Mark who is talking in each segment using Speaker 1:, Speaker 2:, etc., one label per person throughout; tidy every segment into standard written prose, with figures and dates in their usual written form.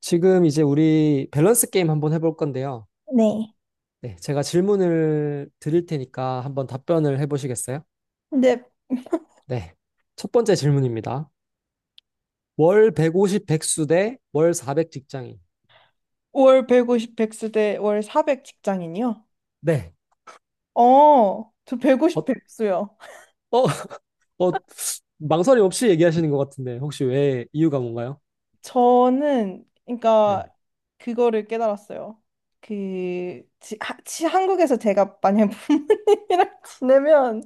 Speaker 1: 지금 이제 우리 밸런스 게임 한번 해볼 건데요.
Speaker 2: 네.
Speaker 1: 네, 제가 질문을 드릴 테니까 한번 답변을 해보시겠어요?
Speaker 2: 근데
Speaker 1: 네. 첫 번째 질문입니다. 월 150 백수 대 월 400 직장인.
Speaker 2: 월 150 백수대 월 400 직장인이요?
Speaker 1: 네.
Speaker 2: 저
Speaker 1: 어.
Speaker 2: 150 백수요.
Speaker 1: 어. 어, 망설임 없이 얘기하시는 것 같은데, 혹시 왜, 이유가 뭔가요?
Speaker 2: 저는 그러니까
Speaker 1: 네,
Speaker 2: 그거를 깨달았어요. 한국에서 제가 만약 부모님이랑 지내면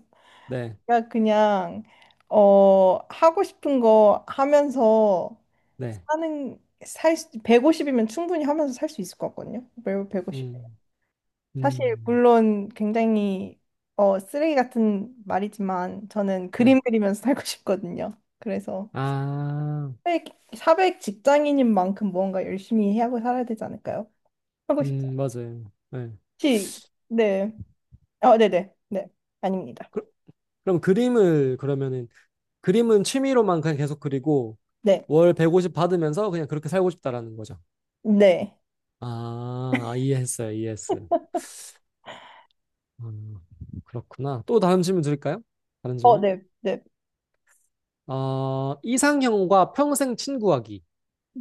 Speaker 1: 네,
Speaker 2: 제가 그냥 하고 싶은 거 하면서
Speaker 1: 네.
Speaker 2: 사는 살 150이면 충분히 하면서 살 수 있을 것 같거든요. 매월 150.
Speaker 1: 음.
Speaker 2: 사실
Speaker 1: 음.
Speaker 2: 물론 굉장히 쓰레기 같은 말이지만 저는
Speaker 1: 네.
Speaker 2: 그림 그리면서 살고 싶거든요. 그래서
Speaker 1: 아.
Speaker 2: 400, 직장인인 만큼 무언가 열심히 하고 살아야 되지 않을까요? 하고 싶지.
Speaker 1: 음. 맞아요. 네.
Speaker 2: 혹시- 네. 네네. 네. 네. 아닙니다.
Speaker 1: 그, 그럼 그림을 그러면은 그림은 취미로만 그냥 계속 그리고
Speaker 2: 네.
Speaker 1: 월 150 받으면서 그냥 그렇게 살고 싶다라는 거죠.
Speaker 2: 네.
Speaker 1: 아, 아, 이해했어요. 이해했어요. 음. 그렇구나. 또 다른 질문 드릴까요? 다른 질문?
Speaker 2: 네. 네.
Speaker 1: 이상형과 평생 친구하기.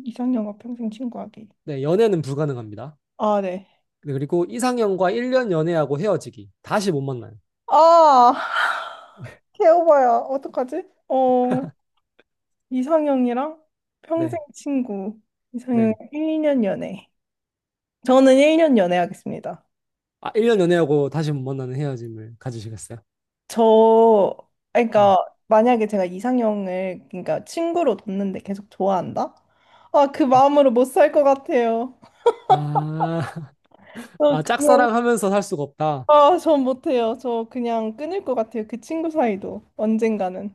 Speaker 2: 이상형과 평생 친구하기.
Speaker 1: 네, 연애는 불가능합니다.
Speaker 2: 아, 네.
Speaker 1: 네, 그리고 이상형과 1년 연애하고 헤어지기. 다시 못 만나요.
Speaker 2: 아, 개오바야. 어떡하지? 어, 이상형이랑 평생
Speaker 1: 네,
Speaker 2: 친구. 이상형
Speaker 1: 네.
Speaker 2: 1년 연애. 저는 1년 연애하겠습니다.
Speaker 1: 아, 1년 연애하고 다시 못 만나는 헤어짐을 가지시겠어요?
Speaker 2: 저,
Speaker 1: 네.
Speaker 2: 그러니까 만약에 제가 이상형을, 그러니까 친구로 뒀는데 계속 좋아한다? 아, 그
Speaker 1: 음.
Speaker 2: 마음으로 못 살 것 같아요.
Speaker 1: 아.
Speaker 2: 저
Speaker 1: 아,
Speaker 2: 그냥,
Speaker 1: 짝사랑하면서 살 수가 없다.
Speaker 2: 전 못해요. 저 그냥 끊을 것 같아요. 그 친구 사이도 언젠가는.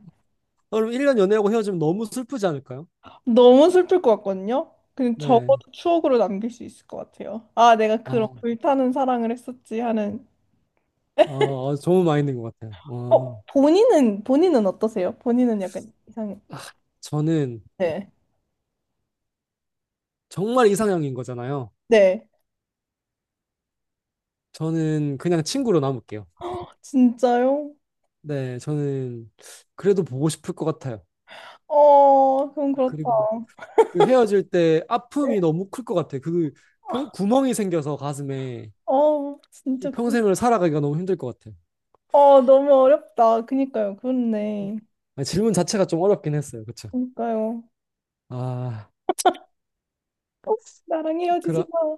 Speaker 1: 그럼 1년 연애하고 헤어지면 너무 슬프지 않을까요?
Speaker 2: 너무 슬플 것 같거든요. 그냥
Speaker 1: 네.
Speaker 2: 적어도 추억으로 남길 수 있을 것 같아요. 아, 내가 그런
Speaker 1: 아.
Speaker 2: 불타는 사랑을 했었지 하는.
Speaker 1: 좋은 마인드인 것 같아요.
Speaker 2: 본인은 어떠세요? 본인은 약간 이상해.
Speaker 1: 아, 저는
Speaker 2: 네.
Speaker 1: 정말 이상형인 거잖아요.
Speaker 2: 네.
Speaker 1: 저는 그냥 친구로 남을게요.
Speaker 2: 진짜요?
Speaker 1: 네, 저는 그래도 보고 싶을 것 같아요.
Speaker 2: 그럼 그렇다.
Speaker 1: 그리고 그 헤어질 때
Speaker 2: 네.
Speaker 1: 아픔이 너무 클 것 같아요. 구멍이 생겨서 가슴에 이
Speaker 2: 진짜 그런.
Speaker 1: 평생을 살아가기가 너무 힘들 것 같아요.
Speaker 2: 너무 어렵다. 그니까요. 그렇네.
Speaker 1: 아, 질문 자체가 좀 어렵긴 했어요. 그쵸?
Speaker 2: 그니까요.
Speaker 1: 아,
Speaker 2: 어, 나랑 헤어지지
Speaker 1: 그럼
Speaker 2: 마.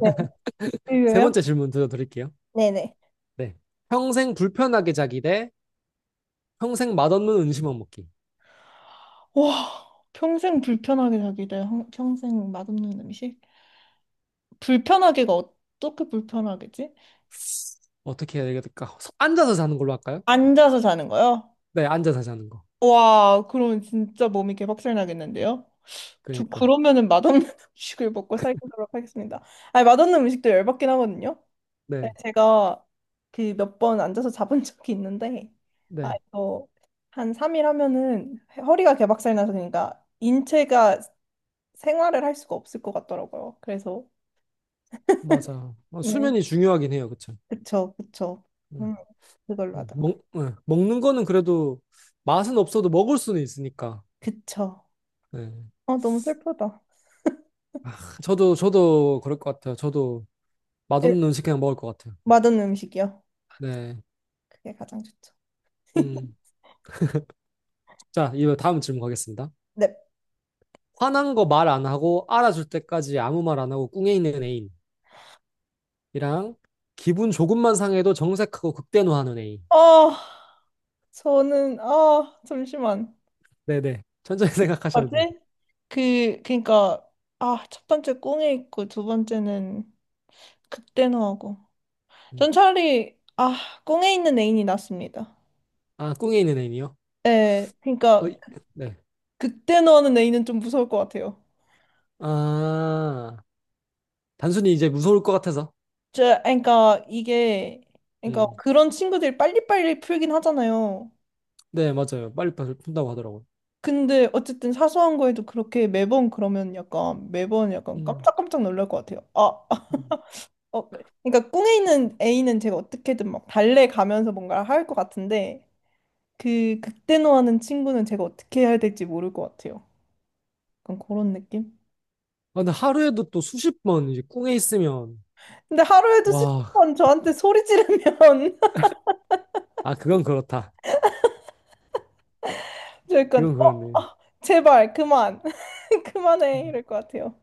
Speaker 2: 네.
Speaker 1: 세
Speaker 2: 이거요?
Speaker 1: 번째 질문 드려드릴게요.
Speaker 2: 네네.
Speaker 1: 네. 평생 불편하게 자기 대 평생 맛없는 음식만 먹기.
Speaker 2: 와, 평생 불편하게 살기 대 평생 맛없는 음식? 불편하게가 어떻게 불편하겠지?
Speaker 1: 어떻게 해야 될까? 앉아서 자는 걸로 할까요?
Speaker 2: 앉아서 자는 거요?
Speaker 1: 네, 앉아서 자는 거.
Speaker 2: 와, 그럼 진짜 몸이 개박살 나겠는데요? 저
Speaker 1: 그러니까요.
Speaker 2: 그러면은 맛없는 음식을 먹고 살도록 하겠습니다. 아니, 맛없는 음식도 열받긴 하거든요. 네,
Speaker 1: 네,
Speaker 2: 제가 그 몇 번 앉아서 잡은 적이 있는데, 아,
Speaker 1: 네,
Speaker 2: 이거 한 3일 하면은 허리가 개박살 나서 그러니까 인체가 생활을 할 수가 없을 것 같더라고요. 그래서,
Speaker 1: 맞아.
Speaker 2: 네,
Speaker 1: 수면이 중요하긴 해요, 그쵸?
Speaker 2: 그쵸, 그쵸.
Speaker 1: 음.
Speaker 2: 음, 그걸로
Speaker 1: 음.
Speaker 2: 하자고.
Speaker 1: 예, 먹는 거는 그래도 맛은 없어도 먹을 수는 있으니까.
Speaker 2: 그쵸.
Speaker 1: 네.
Speaker 2: 너무 슬프다.
Speaker 1: 저도 그럴 것 같아요. 저도
Speaker 2: 네,
Speaker 1: 맛없는 음식 그냥 먹을 것 같아요.
Speaker 2: 맛없는 음식이요.
Speaker 1: 네.
Speaker 2: 그게 가장 좋죠.
Speaker 1: 음. 자, 이거 다음 질문 가겠습니다.
Speaker 2: 네.
Speaker 1: 화난 거 말 안 하고 알아줄 때까지 아무 말 안 하고 꿍해 있는 애인이랑 기분 조금만 상해도 정색하고 극대노하는 애인.
Speaker 2: 아, 잠시만.
Speaker 1: 네네. 천천히 생각하셔도
Speaker 2: 맞지?
Speaker 1: 돼요.
Speaker 2: 그니까, 아, 첫 번째 꽁에 있고, 두 번째는 극대노하고.
Speaker 1: 음.
Speaker 2: 전 차라리 꽁에 있는 애인이 낫습니다.
Speaker 1: 아, 꿍에 있는 애이요.
Speaker 2: 예,
Speaker 1: 어,
Speaker 2: 그러니까
Speaker 1: 이- 네.
Speaker 2: 극대 노하는 애인은 좀 무서울 것 같아요.
Speaker 1: 아, 단순히 이제 무서울 것 같아서.
Speaker 2: 그러니까 이게 그러니까
Speaker 1: 음.
Speaker 2: 그런 친구들이 빨리빨리 풀긴 하잖아요.
Speaker 1: 네, 맞아요. 빨리 빨리 푼다고 하더라고요.
Speaker 2: 근데 어쨌든 사소한 거에도 그렇게 매번 그러면 약간 매번 약간
Speaker 1: 음.
Speaker 2: 깜짝깜짝 놀랄 것 같아요. 아,
Speaker 1: 음.
Speaker 2: 어, 그러니까 꽁에 있는 애인은 제가 어떻게든 막 달래가면서 뭔가를 할 것 같은데 그 극대노하는 친구는 제가 어떻게 해야 될지 모를 것 같아요. 약간 그런 느낌?
Speaker 1: 아, 근데 하루에도 또 수십 번 이제 꿍에 있으면.
Speaker 2: 근데 하루에도 수십
Speaker 1: 와.
Speaker 2: 번 저한테 소리 지르면
Speaker 1: 아, 그건 그렇다.
Speaker 2: 저 약간
Speaker 1: 그건 그렇네.
Speaker 2: 제발 그만 그만해
Speaker 1: 음.
Speaker 2: 이럴 것 같아요.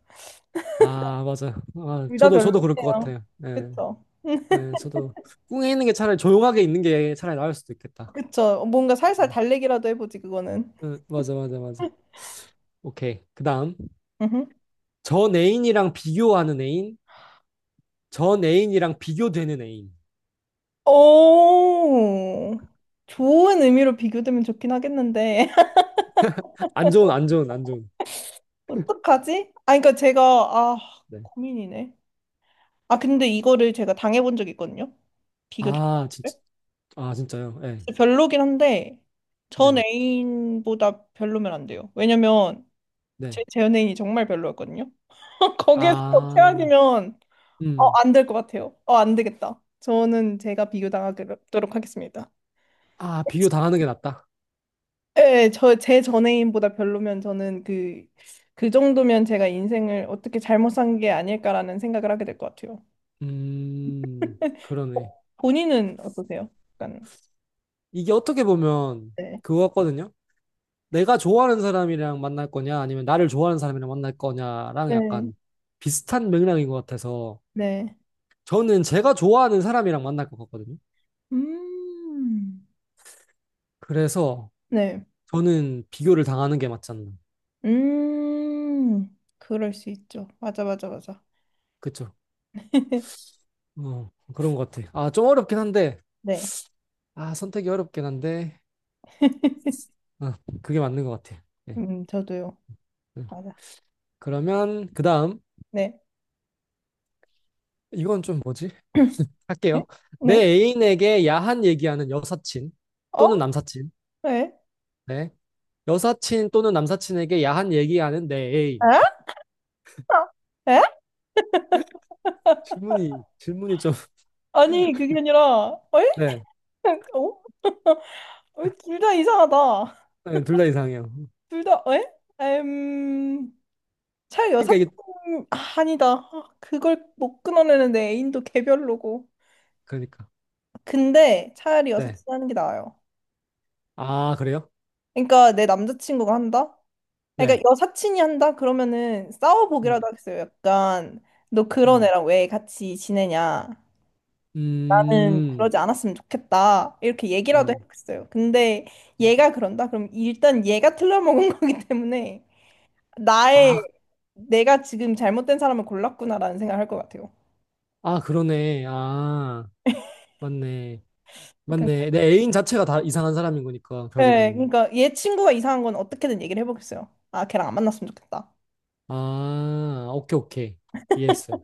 Speaker 1: 아, 맞아요. 아,
Speaker 2: 둘다
Speaker 1: 저도 그럴 것
Speaker 2: 별로예요.
Speaker 1: 같아요. 네.
Speaker 2: 그쵸?
Speaker 1: 네, 저도 꿍에 있는 게 차라리 조용하게 있는 게 차라리 나을 수도 있겠다.
Speaker 2: 그쵸? 뭔가
Speaker 1: 네.
Speaker 2: 살살 달래기라도 해보지 그거는.
Speaker 1: 응, 맞아, 맞아, 맞아. 오케이. 그 다음.
Speaker 2: 음흠.
Speaker 1: 전 애인이랑 비교하는 애인, 전 애인이랑 비교되는 애인.
Speaker 2: 오, 좋은 의미로 비교되면 좋긴 하겠는데
Speaker 1: 안 좋은, 안 좋은, 안 좋은.
Speaker 2: 어떡하지? 아, 그러니까 제가
Speaker 1: 네.
Speaker 2: 고민이네. 아, 근데 이거를 제가 당해본 적이 있거든요. 비교 당한
Speaker 1: 아, 진짜.
Speaker 2: 거를.
Speaker 1: 아, 진짜요? 네,
Speaker 2: 그래서 별로긴 한데 전
Speaker 1: 네,
Speaker 2: 애인보다 별로면 안 돼요. 왜냐면
Speaker 1: 네.
Speaker 2: 제 재연행이 정말 별로였거든요. 거기에서
Speaker 1: 아.
Speaker 2: 최악이면
Speaker 1: 음.
Speaker 2: 안 될 것 같아요. 안 되겠다. 저는 제가 비교당하도록 하겠습니다.
Speaker 1: 아, 비교 당하는 게 낫다.
Speaker 2: 네, 제 전애인보다 별로면 저는 그 정도면 제가 인생을 어떻게 잘못 산 게 아닐까라는 생각을 하게 될 것 같아요. 어,
Speaker 1: 그러네.
Speaker 2: 본인은 어떠세요? 약간,
Speaker 1: 이게 어떻게 보면
Speaker 2: 네.
Speaker 1: 그거 같거든요? 내가 좋아하는 사람이랑 만날 거냐, 아니면 나를 좋아하는 사람이랑 만날 거냐랑
Speaker 2: 네.
Speaker 1: 약간 비슷한 맥락인 것 같아서
Speaker 2: 네.
Speaker 1: 저는 제가 좋아하는 사람이랑 만날 것 같거든요.
Speaker 2: 음.
Speaker 1: 그래서
Speaker 2: 네.
Speaker 1: 저는 비교를 당하는 게 맞지 않나.
Speaker 2: 음. 그럴 수 있죠. 맞아, 맞아, 맞아.
Speaker 1: 그쵸. 그런 것 같아. 아, 좀 어렵긴 한데.
Speaker 2: 네.
Speaker 1: 아, 선택이 어렵긴 한데. 어, 그게 맞는 것 같아. 예.
Speaker 2: 저도요.
Speaker 1: 음.
Speaker 2: 맞아.
Speaker 1: 그러면, 그 다음.
Speaker 2: 네.
Speaker 1: 이건 좀 뭐지?
Speaker 2: 네?
Speaker 1: 할게요. 내
Speaker 2: 네?
Speaker 1: 애인에게 야한 얘기하는 여사친
Speaker 2: 어?
Speaker 1: 또는 남사친.
Speaker 2: 네.
Speaker 1: 네. 여사친 또는 남사친에게 야한 얘기하는 내 애인.
Speaker 2: 에? 에?
Speaker 1: 질문이 좀.
Speaker 2: 아니, 그게 아니라, 에?
Speaker 1: 네.
Speaker 2: 어? 둘 다 이상하다.
Speaker 1: 네, 둘 다 이상해요.
Speaker 2: 둘 다, 에? 에음...
Speaker 1: 그러니까
Speaker 2: 차여사친.
Speaker 1: 이게.
Speaker 2: 아, 아니다. 아, 그걸 못 끊어내는데 애인도 개별로고.
Speaker 1: 그러니까.
Speaker 2: 근데 차라리
Speaker 1: 네.
Speaker 2: 여사친 하는 게 나아요.
Speaker 1: 아, 그래요?
Speaker 2: 그러니까 내 남자친구가 한다? 아,
Speaker 1: 네.
Speaker 2: 그러니까 여사친이 한다? 그러면은
Speaker 1: 음,
Speaker 2: 싸워보기라도 하겠어요. 약간, 너 그런
Speaker 1: 음,
Speaker 2: 애랑 왜 같이 지내냐? 나는
Speaker 1: 음,
Speaker 2: 그러지 않았으면 좋겠다. 이렇게 얘기라도
Speaker 1: 음.
Speaker 2: 했어요. 근데
Speaker 1: 음.
Speaker 2: 얘가 그런다? 그럼 일단 얘가 틀려먹은 거기 때문에 나의
Speaker 1: 아,
Speaker 2: 내가 지금 잘못된 사람을 골랐구나라는 생각을 할 것 같아요.
Speaker 1: 아, 그러네. 아, 맞네.
Speaker 2: 약간,
Speaker 1: 맞네. 내 애인 자체가 다 이상한 사람인 거니까,
Speaker 2: 네,
Speaker 1: 결국에는.
Speaker 2: 그러니까 얘 친구가 이상한 건 어떻게든 얘기를 해보겠어요. 아, 걔랑 안 만났으면 좋겠다.
Speaker 1: 아, 오케이, 오케이. 이해했어요.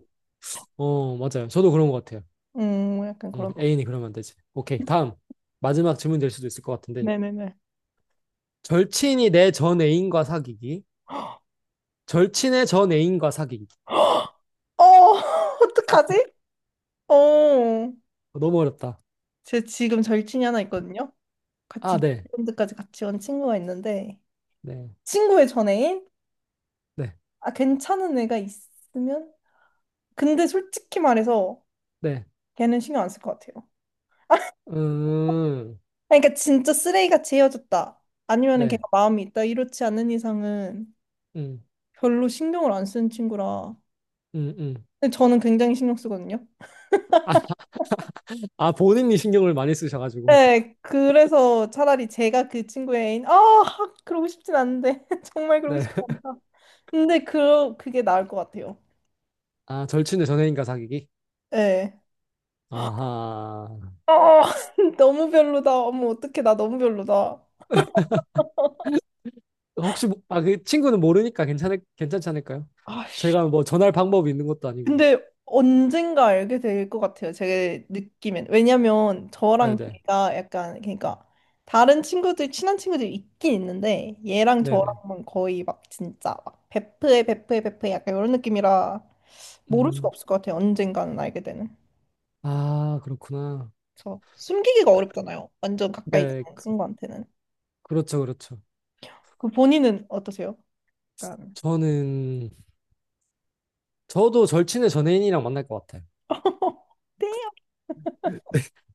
Speaker 1: 어, 맞아요. 저도 그런 것 같아요.
Speaker 2: 약간
Speaker 1: 응,
Speaker 2: 그런 거.
Speaker 1: 애인이 그러면 안 되지. 오케이. 다음. 마지막 질문 될 수도 있을 것 같은데.
Speaker 2: 네네네.
Speaker 1: 절친이 내 전 애인과 사귀기. 절친의 전 애인과 사귀기.
Speaker 2: 어, 어떡하지? 어,
Speaker 1: 어, 너무 어렵다.
Speaker 2: 제 지금 절친이 하나 있거든요. 같이
Speaker 1: 아, 네.
Speaker 2: 밴드까지 같이 온 친구가 있는데
Speaker 1: 네.
Speaker 2: 친구의 전애인?
Speaker 1: 네.
Speaker 2: 아, 괜찮은 애가 있으면 근데 솔직히 말해서
Speaker 1: 네.
Speaker 2: 걔는 신경 안 쓸 것 같아요.
Speaker 1: 음,
Speaker 2: 아니, 그러니까 진짜 쓰레기같이 헤어졌다. 아니면은
Speaker 1: 네.
Speaker 2: 걔가 마음이 있다. 이렇지 않은 이상은
Speaker 1: 음,
Speaker 2: 별로 신경을 안 쓰는 친구라.
Speaker 1: 음, 음.
Speaker 2: 근데 저는 굉장히 신경 쓰거든요.
Speaker 1: 아, 본인이 신경을 많이 쓰셔가지고.
Speaker 2: 네, 그래서 차라리 제가 그 친구의 애인, 아, 그러고 싶진 않은데. 정말 그러고
Speaker 1: 네.
Speaker 2: 싶지 않다. 근데 그게 나을 것 같아요.
Speaker 1: 아, 절친의 전애인과 사귀기?
Speaker 2: 네.
Speaker 1: 아하.
Speaker 2: 어, 너무 별로다. 어머, 어떡해. 나 너무 별로다.
Speaker 1: 아, 그 친구는 모르니까 괜찮을 괜찮지 않을까요?
Speaker 2: 아휴.
Speaker 1: 제가 뭐 전할 방법이 있는 것도 아니고.
Speaker 2: 근데 언젠가 알게 될 것 같아요. 제 느낌엔. 왜냐면 저랑
Speaker 1: 네네.
Speaker 2: 걔가 약간 그러니까 다른 친구들 친한 친구들이 있긴 있는데 얘랑
Speaker 1: 네네.
Speaker 2: 저랑은 거의 막 진짜 막 베프에 베프에 베프에 약간 이런 느낌이라 모를 수가
Speaker 1: 음.
Speaker 2: 없을 것 같아요. 언젠가는 알게 되는.
Speaker 1: 아, 그렇구나.
Speaker 2: 그래서 숨기기가 어렵잖아요. 완전 가까이
Speaker 1: 네,
Speaker 2: 있는 친구한테는.
Speaker 1: 그렇죠, 그렇죠.
Speaker 2: 그 본인은 어떠세요? 약간
Speaker 1: 저는 저도 절친의 전혜인이랑 만날 것 같아요.
Speaker 2: 요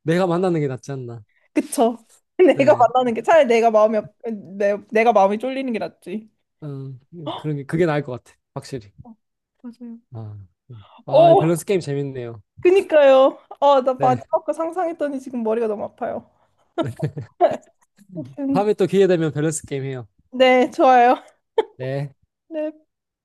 Speaker 1: 내가 만나는 게 낫지 않나.
Speaker 2: 그쵸. 내가
Speaker 1: 네.
Speaker 2: 만나는 게 차라리 내가 마음이 쫄리는 게 낫지.
Speaker 1: 음, 그런 게 그게 나을 것 같아. 확실히.
Speaker 2: 어, 맞아요.
Speaker 1: 아. 음. 아, 이
Speaker 2: 어,
Speaker 1: 밸런스 게임 재밌네요.
Speaker 2: 그니까요. 나
Speaker 1: 네.
Speaker 2: 마지막 거 상상했더니 지금 머리가 너무 아파요. 아무튼
Speaker 1: 다음에 또 기회 되면 밸런스 게임 해요.
Speaker 2: 네, 좋아요.
Speaker 1: 네.
Speaker 2: 네.